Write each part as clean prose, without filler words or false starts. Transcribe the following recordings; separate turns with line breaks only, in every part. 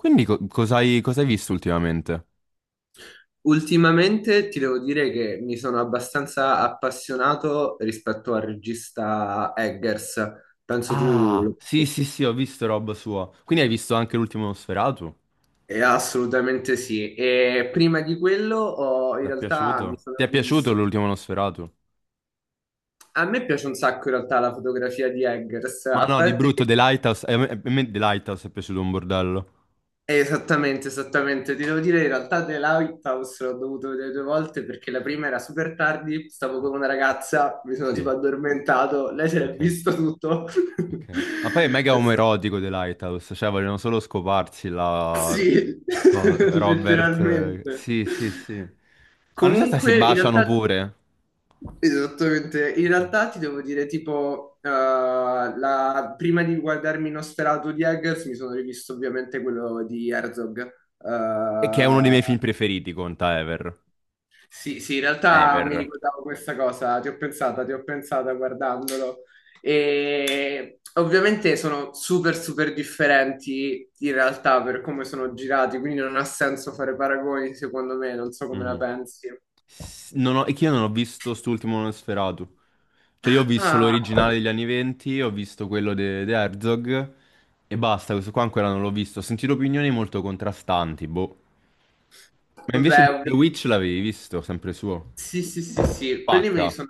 Quindi cos'hai visto ultimamente?
Ultimamente ti devo dire che mi sono abbastanza appassionato rispetto al regista Eggers, penso tu
Ah,
lo-
sì, sì, sì, ho visto roba sua. Quindi hai visto anche l'ultimo Nosferatu?
assolutamente sì. E prima di quello in
Ti è
realtà mi
piaciuto?
sono
Ti è piaciuto
rivisto.
l'ultimo Nosferatu?
A me piace un sacco in realtà la fotografia di Eggers,
Ma
a
no, di
parte
brutto,
che.
The Lighthouse. A me, a me The Lighthouse è piaciuto un bordello.
Esattamente, esattamente. Ti devo dire, in realtà The Lighthouse l'ho dovuto vedere due volte perché la prima era super tardi, stavo con una ragazza, mi sono tipo
Sì,
addormentato, lei si è
ok, ok.
visto tutto.
Ok. Ma poi è mega
È stato.
omoerotico The Lighthouse, cioè vogliono solo scoparsi la...
Sì,
Robert.
letteralmente.
Sì, sì, sì. Ma non so se si
Comunque, in
baciano
realtà,
pure.
esattamente, in
Ok.
realtà ti devo dire, tipo, prima di guardarmi Nosferatu di Eggers, mi sono rivisto ovviamente quello di Herzog.
E che è uno dei
Eh,
miei film preferiti, conta Ever.
Sì, sì, in realtà mi
Ever.
ricordavo questa cosa, ti ho pensata guardandolo. E ovviamente sono super, super differenti in realtà per come sono girati, quindi non ha senso fare paragoni, secondo me, non so come la
Mhm.
pensi.
S- Non ho- È che io non ho visto st'ultimo Nosferatu. Cioè, io ho visto
Ah,
l'originale degli anni 20, ho visto quello di Herzog e basta. Questo qua ancora non l'ho visto. Ho sentito opinioni molto contrastanti, boh. Ma invece
vabbè,
The Witch l'avevi visto, sempre suo.
sì, sì, sì, sì, quelli me li
Pacca.
sono.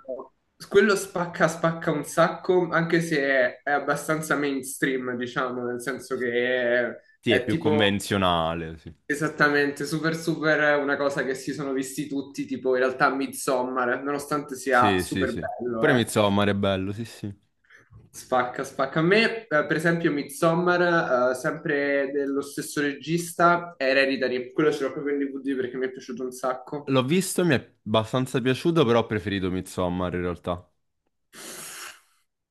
Quello spacca, spacca un sacco, anche se è abbastanza mainstream, diciamo, nel senso che è,
Sì, è
è
più
tipo.
convenzionale, sì.
Esattamente, super super è una cosa che si sono visti tutti, tipo in realtà Midsommar, nonostante sia
Sì, sì,
super
sì.
bello,
Pure
eh.
Midsommar è bello, sì, sì.
Spacca, spacca. A me, per esempio, Midsommar, sempre dello stesso regista, è Hereditary, quello ce l'ho proprio in DVD perché mi è piaciuto un sacco.
L'ho visto, mi è abbastanza piaciuto, però ho preferito Midsommar in realtà.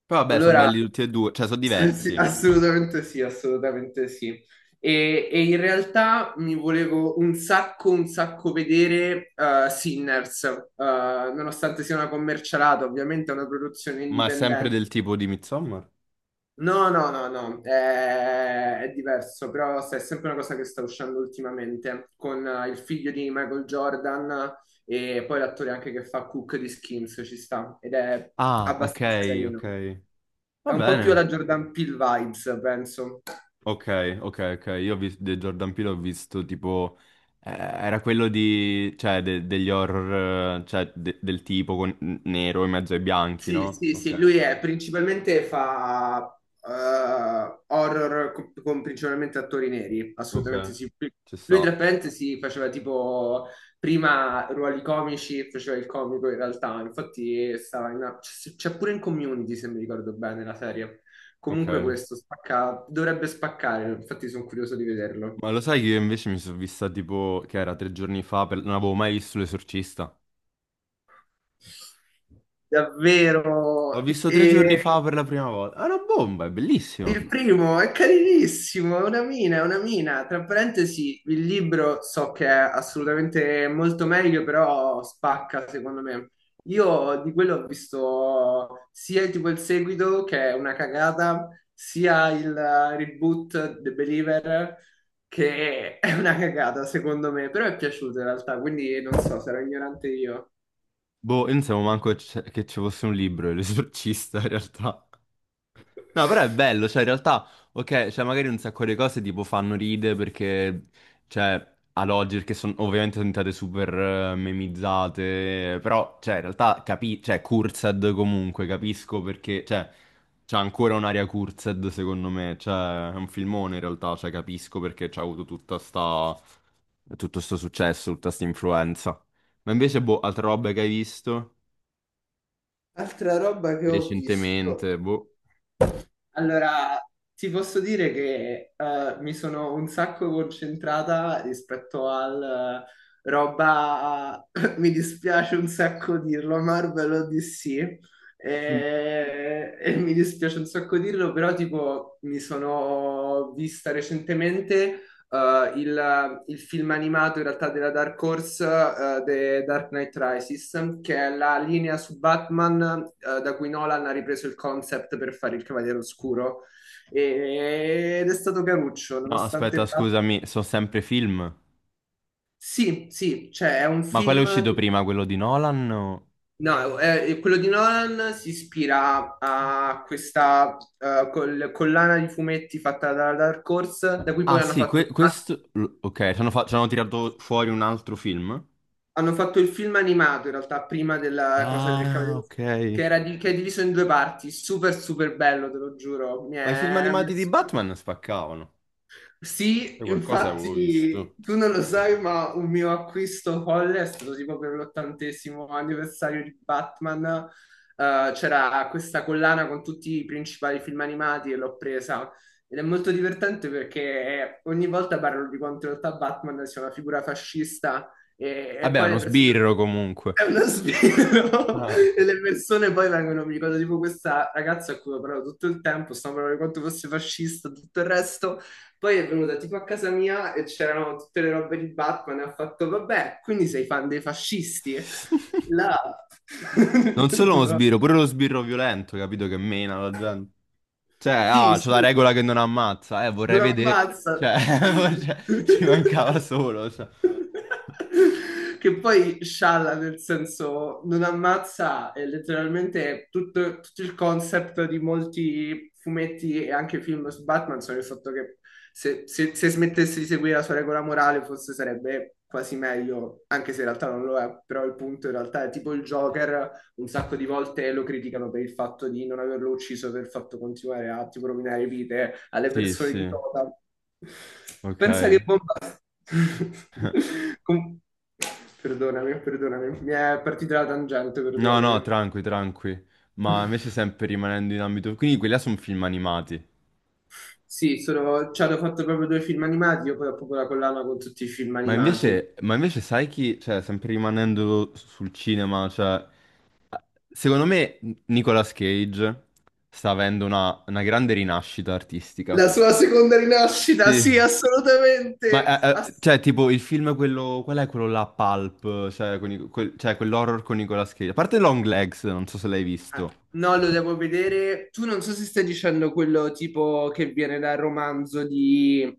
Poi vabbè, sono
Allora,
belli tutti e due, cioè sono
eh
diversi,
sì, assolutamente sì, assolutamente sì. E in realtà mi volevo un sacco vedere Sinners, nonostante sia una commercialata, ovviamente è una produzione
ma è sempre
indipendente.
del tipo di Midsommar.
No, no, no, no, è diverso, però è sempre una cosa che sta uscendo ultimamente con il figlio di Michael Jordan e poi l'attore anche che fa Cook di Skins, ci sta ed è
Ah, ok,
abbastanza
ok.
carino.
Va
È un po' più
bene.
alla Jordan Peele vibes, penso.
Ok, ok, ok. Io ho visto, di Jordan Peele ho visto tipo... era quello di... cioè degli horror, cioè del tipo con nero in mezzo ai bianchi,
Sì,
no?
sì,
Ok,
sì, lui
ok.
è principalmente fa horror con principalmente attori neri,
Ok,
assolutamente sì.
ci
Lui tra
sta.
parentesi faceva tipo prima ruoli comici, faceva il comico in realtà, infatti stava c'è pure in Community se mi ricordo bene la serie.
Ok.
Comunque questo spacca, dovrebbe spaccare, infatti sono curioso di vederlo.
Ma lo sai che io invece mi sono vista tipo... che era tre giorni fa, non avevo mai visto L'Esorcista. L'ho
Davvero.
visto tre giorni fa
E
per la prima volta. È una bomba, è bellissimo.
il primo è carinissimo, è una mina, è una mina. Tra parentesi, il libro so che è assolutamente molto meglio, però spacca secondo me. Io di quello ho visto sia tipo il seguito, che è una cagata, sia il reboot The Believer, che è una cagata secondo me, però è piaciuto in realtà, quindi non so, sarò ignorante io.
Boh, io non sapevo manco che ci fosse un libro, L'Esorcista, in realtà. No, però è bello, cioè in realtà, ok, cioè magari un sacco di cose tipo fanno ride perché, cioè, ad oggi, che sono ovviamente sono diventate super memizzate, però, cioè, in realtà, capi cioè, cursed comunque, capisco perché, cioè, c'è ancora un'area cursed secondo me, cioè, è un filmone in realtà, cioè, capisco perché c'ha avuto tutta sta, tutto sto successo, tutta sta influenza. Ma invece, boh, altra roba che hai visto
Altra roba che ho visto.
recentemente, boh.
Allora, ti posso dire che mi sono un sacco concentrata rispetto al roba, mi dispiace un sacco dirlo, Marvel o DC, e mi dispiace un sacco dirlo, però tipo mi sono vista recentemente il film animato in realtà della Dark Horse, The Dark Knight Rises, che è la linea su Batman, da cui Nolan ha ripreso il concept per fare il Cavaliere Oscuro. Ed è stato caruccio,
No,
nonostante.
aspetta, scusami, sono sempre film.
Sì, sì, cioè è un
Ma quale è
film.
uscito prima, quello di Nolan? O...
No, quello di Nolan si ispira a questa collana di fumetti fatta dalla Dark Horse, da cui
Ah
poi hanno
sì,
fatto ah,
questo... l- Ok, ci hanno, ci hanno tirato fuori un altro film.
Hanno fatto il film animato in realtà prima della cosa del
Ah,
Cavaliere,
ok.
che è diviso in due parti. Super, super bello, te lo giuro. Mi
Ma i film
è, mi è
animati di
super.
Batman spaccavano.
Sì,
Poi qualcosa avevo
infatti
visto.
tu non lo sai, ma un mio acquisto folle è stato tipo per l'ottantesimo anniversario di Batman. C'era questa collana con tutti i principali film animati e l'ho presa. Ed è molto divertente perché ogni volta parlo di quanto in realtà Batman sia una figura fascista e
Vabbè, è
poi
uno
le persone.
sbirro comunque.
È uno sbirro!
Ah.
E le persone poi vengono, mi ricordo tipo questa ragazza a cui ho parlato tutto il tempo, stavo parlando di quanto fosse fascista, tutto il resto, poi è venuta tipo a casa mia e c'erano tutte le robe di Batman e ha fatto, vabbè, quindi sei fan dei fascisti? Là.
Non solo uno sbirro, pure lo sbirro violento, capito? Che mena la gente. Cioè,
Sì,
ah, c'è
sì.
la regola che non ammazza. Vorrei
Non
vedere...
ammazza.
Cioè, cioè, ci mancava solo, cioè.
Che poi scialla nel senso non ammazza è letteralmente tutto, tutto il concept di molti fumetti e anche film su Batman sono il fatto che se smettesse di seguire la sua regola morale forse sarebbe quasi meglio, anche se in realtà non lo è, però il punto in realtà è tipo il Joker un sacco di volte lo criticano per il fatto di non averlo ucciso, per il fatto di continuare a tipo, rovinare vite alle
Sì,
persone
sì,
di Gotham.
ok.
Pensa che bomba. Com- Perdonami, perdonami, mi è partita la tangente,
No, no,
perdonami.
tranqui, tranqui. Ma invece sempre rimanendo in ambito... Quindi quelli là sono film animati.
Sì, sono, ci hanno fatto proprio due film animati, io poi ho proprio la collana con tutti i film animati.
Ma invece sai chi... Cioè, sempre rimanendo sul cinema, cioè... Secondo me Nicolas Cage sta avendo una grande rinascita artistica.
La sua seconda rinascita, sì,
Sì.
assolutamente.
Ma, cioè, tipo, il film quello... Qual è quello là, Pulp? Cioè, con cioè, quell'horror con Nicolas Cage. A parte Long Legs, non so se l'hai visto.
Ah, no, lo devo vedere. Tu non so se stai dicendo quello tipo che viene dal romanzo di,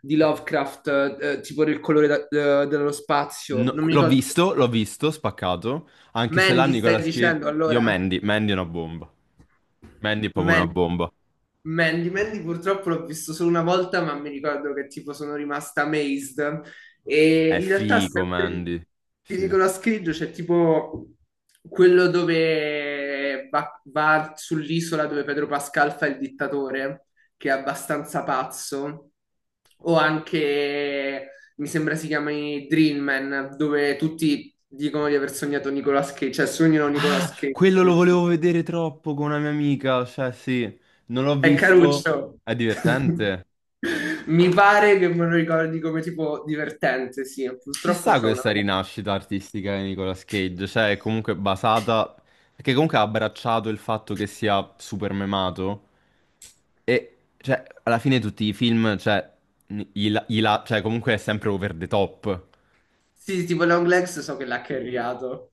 di Lovecraft, tipo del colore dello spazio.
No,
Non mi ricordo.
l'ho visto, spaccato, anche se là
Mandy, stai
Nicolas Cage...
dicendo
Io
allora?
Mandy, Mandy è una bomba. Mandy è proprio una
Man-
bomba.
Mandy purtroppo l'ho visto solo una volta, ma mi ricordo che tipo sono rimasta amazed. E
È
in realtà
figo,
sempre di,
Mandy.
di
Sì.
Nicolas Cage c'è tipo quello dove va sull'isola dove Pedro Pascal fa il dittatore, che è abbastanza pazzo. O anche, mi sembra si chiami Dream Man, dove tutti dicono di aver sognato Nicolas Cage, cioè sognano
Ah,
Nicolas Cage
quello lo
nel film.
volevo vedere troppo con una mia amica, cioè sì, non l'ho
È
visto.
caruccio.
È divertente.
Mi pare che me lo ricordi come tipo divertente, sì.
Ci
Purtroppo
sta
c'è una.
questa rinascita artistica di Nicolas Cage, cioè è comunque basata, perché comunque ha abbracciato il fatto che sia super memato e cioè alla fine tutti i film, cioè, cioè comunque è sempre over the top.
Sì, tipo Long Legs so che l'ha carriato.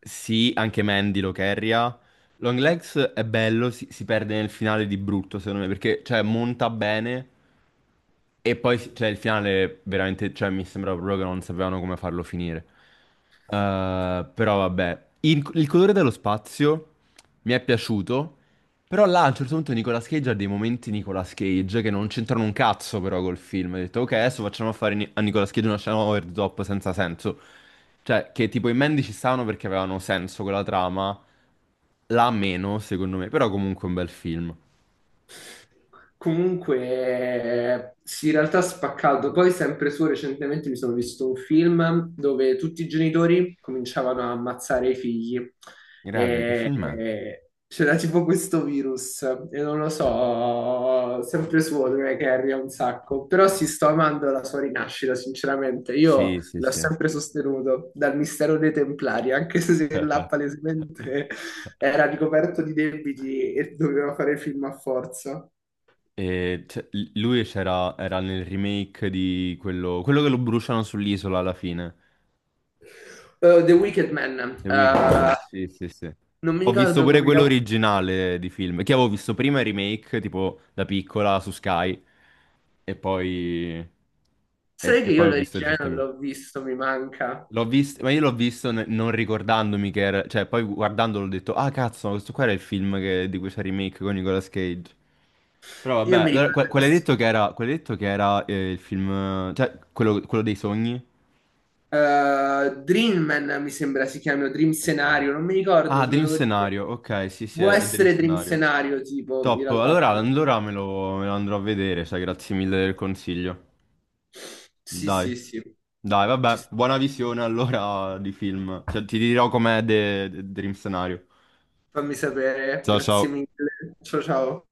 Sì, anche Mandy lo carria. Long Legs è bello, si perde nel finale di brutto, secondo me, perché cioè, monta bene e poi cioè, il finale veramente, cioè, mi sembra proprio che non sapevano come farlo finire. Però vabbè, il colore dello spazio mi è piaciuto, però là a un certo punto Nicolas Cage ha dei momenti Nicolas Cage che non c'entrano un cazzo però col film. Ho detto, ok, adesso facciamo fare a Nicolas Cage una scena over the top senza senso. Cioè, che tipo i Mandy ci stavano perché avevano senso quella trama, la meno, secondo me, però comunque è un bel film.
Comunque, sì, in realtà spaccato. Poi, sempre su, recentemente mi sono visto un film dove tutti i genitori cominciavano a ammazzare i figli.
Grave, che
E,
film è?
e c'era tipo questo virus, e non lo so, sempre su, è che arriva un sacco. Però sì, sto amando la sua rinascita, sinceramente. Io
Sì, sì,
l'ho
sì.
sempre sostenuto dal mistero dei Templari, anche se là palesemente era ricoperto di debiti e doveva fare film a forza.
E c'è- lui c'era era nel remake di quello, quello che lo bruciano sull'isola alla fine,
The Wicked Man.
The Wicker
eh,
Man. Sì, sì, sì.
Non mi
Ho visto
ricordo
pure
come,
quello
cavolo.
originale di film, che avevo visto prima il remake, tipo da piccola su Sky, e poi,
Sai che
e poi
io
ho visto
l'origine non
recentemente.
l'ho visto, mi manca.
L'ho visto, ma io l'ho visto non ricordandomi che era, cioè poi guardandolo ho detto, ah cazzo, ma questo qua era il film di cui c'è il remake con Nicolas Cage. Però
Io
vabbè,
mi
allora,
ricordo.
quello hai
lo-
detto che era, quello hai detto che era il film, cioè quello dei sogni?
eh, Dream Man mi sembra si chiami, o Dream
Dream.
Scenario, non mi ricordo,
Ah,
se lo
Dream
devo dire.
Scenario, ok, sì sì,
Può
è Dream
essere Dream
Scenario.
Scenario, tipo, in
Top,
realtà.
allora, allora me lo andrò a vedere, sai, grazie mille del consiglio.
Sì,
Dai,
sì, sì.
dai,
Ci
vabbè,
sta.
buona visione allora di film, cioè ti dirò com'è Dream Scenario.
Fammi sapere,
Ciao
grazie
ciao.
mille. Ciao, ciao.